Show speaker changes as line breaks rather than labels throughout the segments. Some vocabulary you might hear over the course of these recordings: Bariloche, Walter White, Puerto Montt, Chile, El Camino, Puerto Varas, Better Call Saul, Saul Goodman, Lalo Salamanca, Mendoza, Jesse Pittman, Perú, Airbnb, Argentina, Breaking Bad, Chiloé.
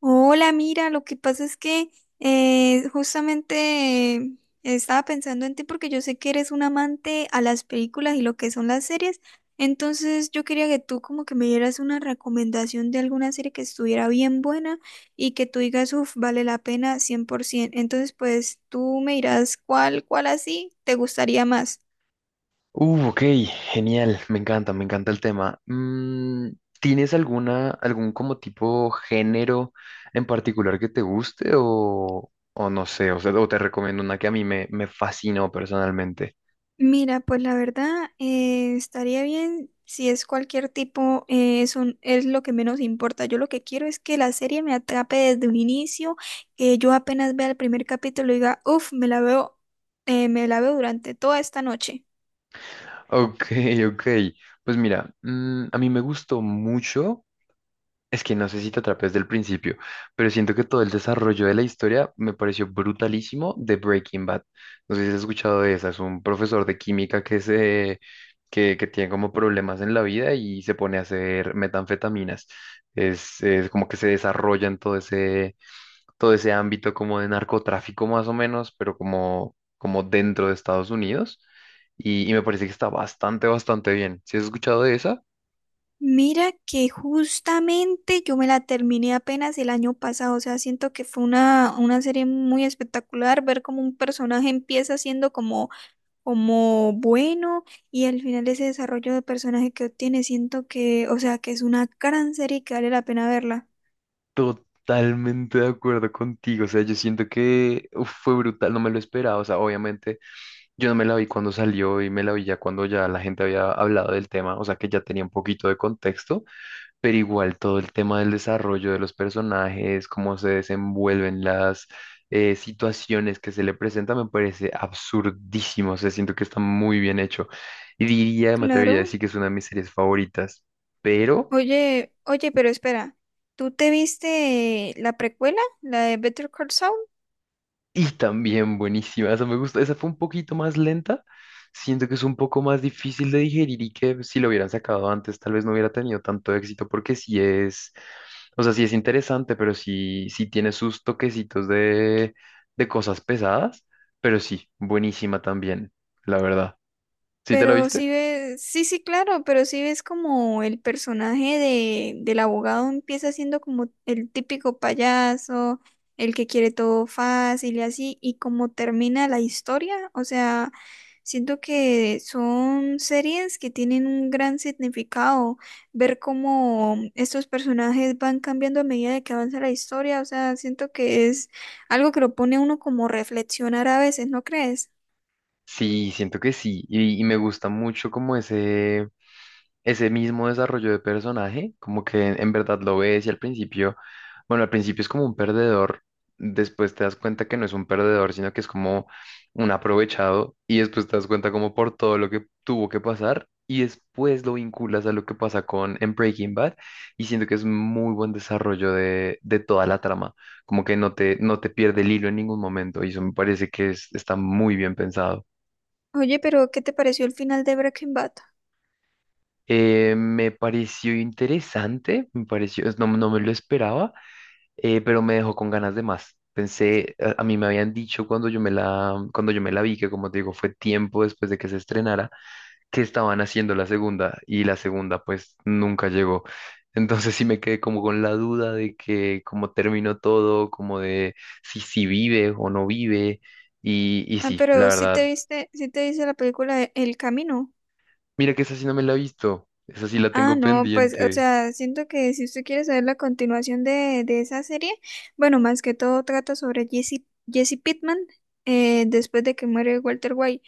Hola, mira, lo que pasa es que justamente eh, estaba pensando en ti porque yo sé que eres un amante a las películas y lo que son las series, entonces yo quería que tú como que me dieras una recomendación de alguna serie que estuviera bien buena y que tú digas, uff, vale la pena 100%. Entonces, pues tú me dirás cuál así te gustaría más.
Ok, genial, me encanta el tema. ¿Tienes algún como tipo género en particular que te guste o no sé, o sea, o te recomiendo una que a mí me fascinó personalmente?
Mira, pues la verdad estaría bien si es cualquier tipo, es lo que menos importa. Yo lo que quiero es que la serie me atrape desde un inicio, que yo apenas vea el primer capítulo y diga, uff, me la veo durante toda esta noche.
Ok, ok, pues mira, a mí me gustó mucho. Es que no sé si te atrapé desde el principio, pero siento que todo el desarrollo de la historia me pareció brutalísimo de Breaking Bad. No sé si has escuchado de esa, es un profesor de química que tiene como problemas en la vida y se pone a hacer metanfetaminas. Es como que se desarrolla en todo ese ámbito como de narcotráfico más o menos, pero como dentro de Estados Unidos. Y me parece que está bastante bien. ¿Si has escuchado de esa?
Mira que justamente yo me la terminé apenas el año pasado, o sea, siento que fue una serie muy espectacular ver cómo un personaje empieza siendo como bueno y al final ese desarrollo de personaje que obtiene, siento que, o sea, que es una gran serie y que vale la pena verla.
Totalmente de acuerdo contigo, o sea, yo siento que uf, fue brutal, no me lo esperaba, o sea, obviamente yo no me la vi cuando salió y me la vi ya cuando ya la gente había hablado del tema, o sea, que ya tenía un poquito de contexto, pero igual todo el tema del desarrollo de los personajes, cómo se desenvuelven las situaciones que se le presentan, me parece absurdísimo, o sea, siento que está muy bien hecho y diría, me atrevería a
Claro.
decir que es una de mis series favoritas, pero...
Oye, pero espera, ¿tú te viste la precuela, la de Better Call Saul?
Y también buenísima, esa me gusta. Esa fue un poquito más lenta. Siento que es un poco más difícil de digerir y que si lo hubieran sacado antes, tal vez no hubiera tenido tanto éxito, porque sí es, o sea, sí es interesante, pero sí, tiene sus toquecitos de cosas pesadas. Pero sí, buenísima también, la verdad. ¿Sí te la
Pero
viste?
sí ves, sí, sí, claro, pero sí ves como el personaje del abogado empieza siendo como el típico payaso, el que quiere todo fácil y así, y como termina la historia, o sea, siento que son series que tienen un gran significado, ver cómo estos personajes van cambiando a medida de que avanza la historia, o sea, siento que es algo que lo pone a uno como reflexionar a veces, ¿no crees?
Sí, siento que sí. Y me gusta mucho como ese. Ese mismo desarrollo de personaje, como que en verdad lo ves y al principio, bueno, al principio es como un perdedor, después te das cuenta que no es un perdedor, sino que es como un aprovechado y después te das cuenta como por todo lo que tuvo que pasar y después lo vinculas a lo que pasa con en Breaking Bad y siento que es muy buen desarrollo de toda la trama, como que no te pierde el hilo en ningún momento y eso me parece que está muy bien pensado.
Oye, pero ¿qué te pareció el final de Breaking Bad?
Me pareció interesante, no, no me lo esperaba, pero me dejó con ganas de más. Pensé, a mí me habían dicho cuando cuando yo me la vi, que como te digo, fue tiempo después de que se estrenara, que estaban haciendo la segunda y la segunda pues nunca llegó. Entonces sí me quedé como con la duda de que cómo terminó todo, como de si vive o no vive. Y
Ah,
sí, la
pero si te
verdad,
viste, si te viste la película de El Camino.
mira que esa sí no me la he visto, esa sí la
Ah,
tengo
no, pues, o
pendiente.
sea, siento que si usted quiere saber la continuación de esa serie, bueno, más que todo trata sobre Jesse, Jesse Pittman después de que muere Walter White.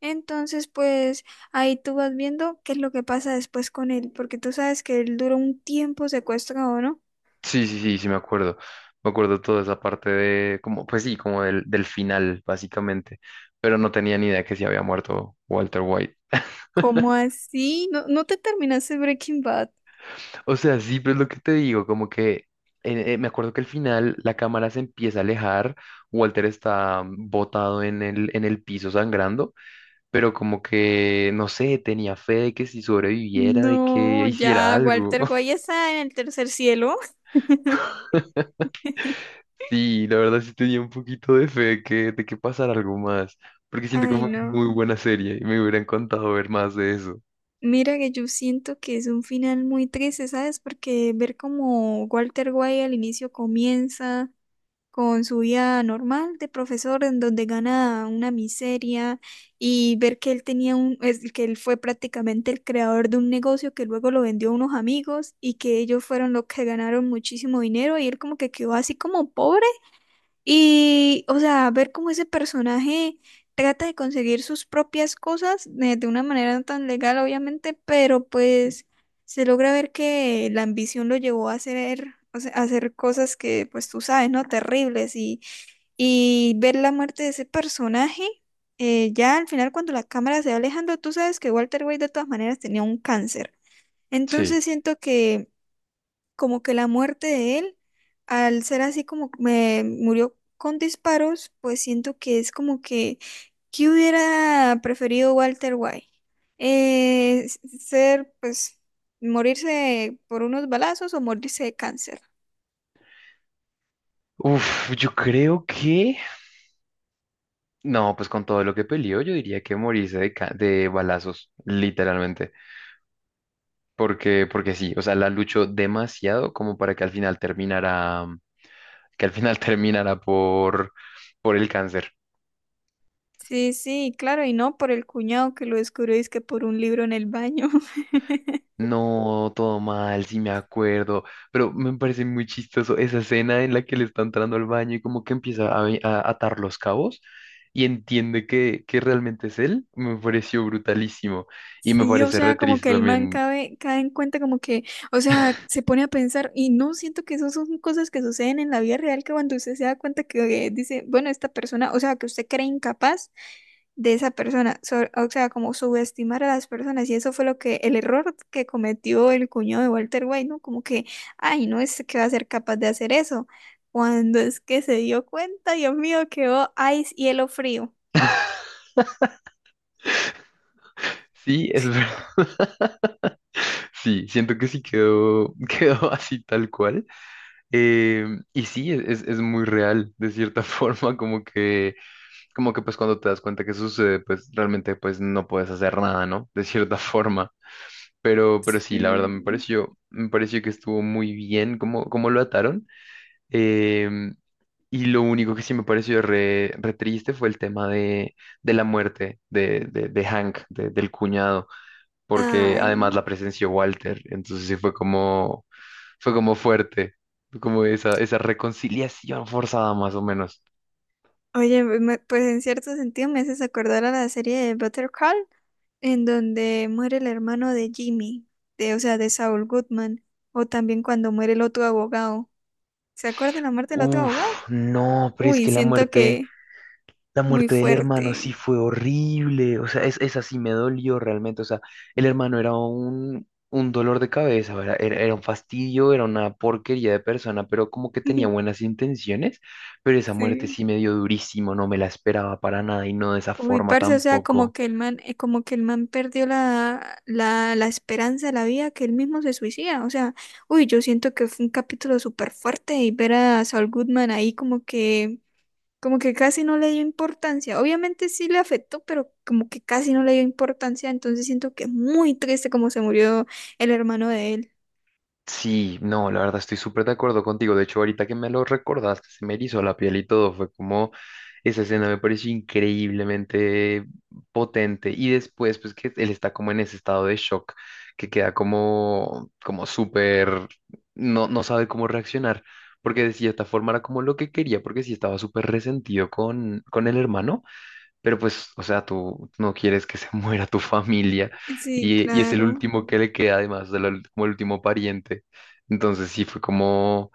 Entonces, pues, ahí tú vas viendo qué es lo que pasa después con él, porque tú sabes que él duró un tiempo secuestrado, ¿no?
Sí, sí, sí, sí, me acuerdo. Me acuerdo toda esa parte de, como, pues sí, como del final, básicamente. Pero no tenía ni idea que se había muerto Walter White.
¿Cómo así? ¿No, no te terminaste Breaking Bad?
O sea, sí, pero es lo que te digo, como que me acuerdo que al final la cámara se empieza a alejar, Walter está botado en en el piso sangrando, pero como que, no sé, tenía fe de que si sobreviviera, de que
No.
hiciera
Ya,
algo.
Walter White está en el tercer cielo.
Sí, la verdad sí tenía un poquito de fe de de que pasara algo más, porque siento que
Ay,
fue muy
no.
buena serie y me hubiera encantado ver más de eso.
Mira que yo siento que es un final muy triste, ¿sabes? Porque ver como Walter White al inicio comienza con su vida normal de profesor en donde gana una miseria y ver que él tenía un, que él fue prácticamente el creador de un negocio que luego lo vendió a unos amigos y que ellos fueron los que ganaron muchísimo dinero y él como que quedó así como pobre. Y, o sea, ver cómo ese personaje trata de conseguir sus propias cosas de una manera no tan legal, obviamente, pero pues se logra ver que la ambición lo llevó a hacer, o sea, a hacer cosas que, pues tú sabes, ¿no? Terribles. Y ver la muerte de ese personaje, ya al final cuando la cámara se va alejando, tú sabes que Walter White de todas maneras tenía un cáncer.
Sí.
Entonces siento que como que la muerte de él, al ser así como me murió con disparos, pues siento que es como que, ¿qué hubiera preferido Walter White? Ser, pues, morirse por unos balazos o morirse de cáncer.
Uf, yo creo que... No, pues con todo lo que peleó, yo diría que morirse de balazos, literalmente. Porque sí, o sea, la luchó demasiado como para que al final terminara, que al final terminara por el cáncer.
Sí, sí, claro, y no por el cuñado que lo descubrió, es que por un libro en el baño.
No, todo mal, sí me acuerdo, pero me parece muy chistoso esa escena en la que le está entrando al baño y como que empieza a atar los cabos y entiende que realmente es él, me pareció brutalísimo y me
Sí, o
parece re
sea, como
triste
que el man
también.
cae en cuenta, como que, o sea, se pone a pensar, y no siento que eso son cosas que suceden en la vida real, que cuando usted se da cuenta que dice, bueno, esta persona, o sea, que usted cree incapaz de esa persona, o sea, como subestimar a las personas, y eso fue lo que, el error que cometió el cuñado de Walter White, ¿no? Como que, ay, no es que va a ser capaz de hacer eso. Cuando es que se dio cuenta, Dios mío, quedó ice hielo frío.
Sí, es verdad. Sí, siento que sí quedó, quedó así tal cual. Eh, y sí, es es muy real, de cierta forma, como que pues cuando te das cuenta que sucede, pues realmente pues no puedes hacer nada, ¿no? De cierta forma. Pero sí, la verdad
Sí.
me pareció que estuvo muy bien cómo, cómo lo ataron. Em, y lo único que sí me pareció re, re triste fue el tema de la muerte de Hank, del cuñado, porque además
Ay.
la presenció Walter. Entonces sí fue como fuerte, como esa reconciliación forzada más o menos.
Oye, pues en cierto sentido me haces acordar a la serie de Better Call, en donde muere el hermano de Jimmy, de, o sea, de Saul Goodman, o también cuando muere el otro abogado. ¿Se acuerdan la muerte del otro abogado?
Uf, no, pero es
Uy,
que la
siento
muerte.
que
La
muy
muerte del hermano sí
fuerte.
fue horrible, o sea, es, esa sí me dolió realmente, o sea, el hermano era un dolor de cabeza, era un fastidio, era una porquería de persona, pero como que tenía buenas intenciones, pero esa muerte
Sí.
sí me dio durísimo, no me la esperaba para nada y no de esa
Uy,
forma
parce, o sea, como
tampoco.
que el man, como que el man perdió la esperanza de la vida, que él mismo se suicida. O sea, uy, yo siento que fue un capítulo súper fuerte y ver a Saul Goodman ahí como que como que casi no le dio importancia. Obviamente sí le afectó, pero como que casi no le dio importancia. Entonces siento que es muy triste como se murió el hermano de él.
Sí, no, la verdad estoy súper de acuerdo contigo. De hecho, ahorita que me lo recordaste, se me erizó la piel y todo. Fue como esa escena me pareció increíblemente potente. Y después, pues que él está como en ese estado de shock, que queda como, como súper, no sabe cómo reaccionar. Porque de cierta forma era como lo que quería, porque sí estaba súper resentido con el hermano. Pero pues, o sea, tú no quieres que se muera tu familia
Sí,
y es el
claro.
último que le queda, además, como el último pariente. Entonces sí, fue como,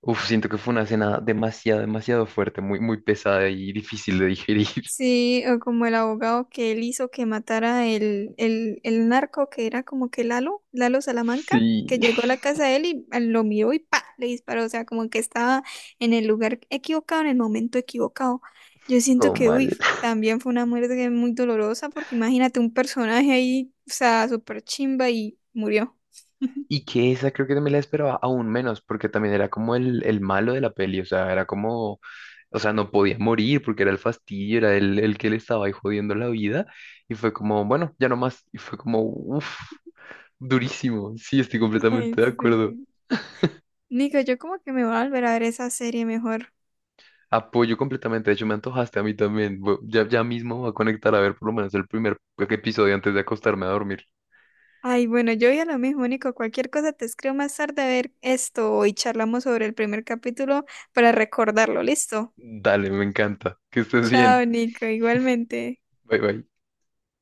uf, siento que fue una escena demasiado, demasiado fuerte, muy, muy pesada y difícil de digerir.
Sí, o como el abogado que él hizo que matara el narco que era como que Lalo, Lalo Salamanca,
Sí,
que llegó a la casa de él y ah, lo miró y ¡pa! Le disparó, o sea, como que estaba en el lugar equivocado, en el momento equivocado. Yo siento
todo
que,
mal.
uy, también fue una muerte muy dolorosa porque imagínate un personaje ahí, o sea, súper chimba y murió.
Y que esa creo que también la esperaba aún menos, porque también era como el malo de la peli, o sea, era como, o sea, no podía morir porque era el fastidio, era el que le estaba ahí jodiendo la vida. Y fue como, bueno, ya no más. Y fue como, uff. Durísimo, sí, estoy
Ay,
completamente de acuerdo.
sí. Nico, yo como que me voy a volver a ver esa serie mejor.
Apoyo completamente, de hecho me antojaste a mí también. Voy- Ya, ya mismo voy a conectar a ver por lo menos el primer episodio antes de acostarme a dormir.
Ay, bueno, yo ya lo mismo, Nico. Cualquier cosa te escribo más tarde a ver esto y charlamos sobre el primer capítulo para recordarlo. ¿Listo?
Dale, me encanta. Que estés bien.
Chao, Nico, igualmente.
Bye bye.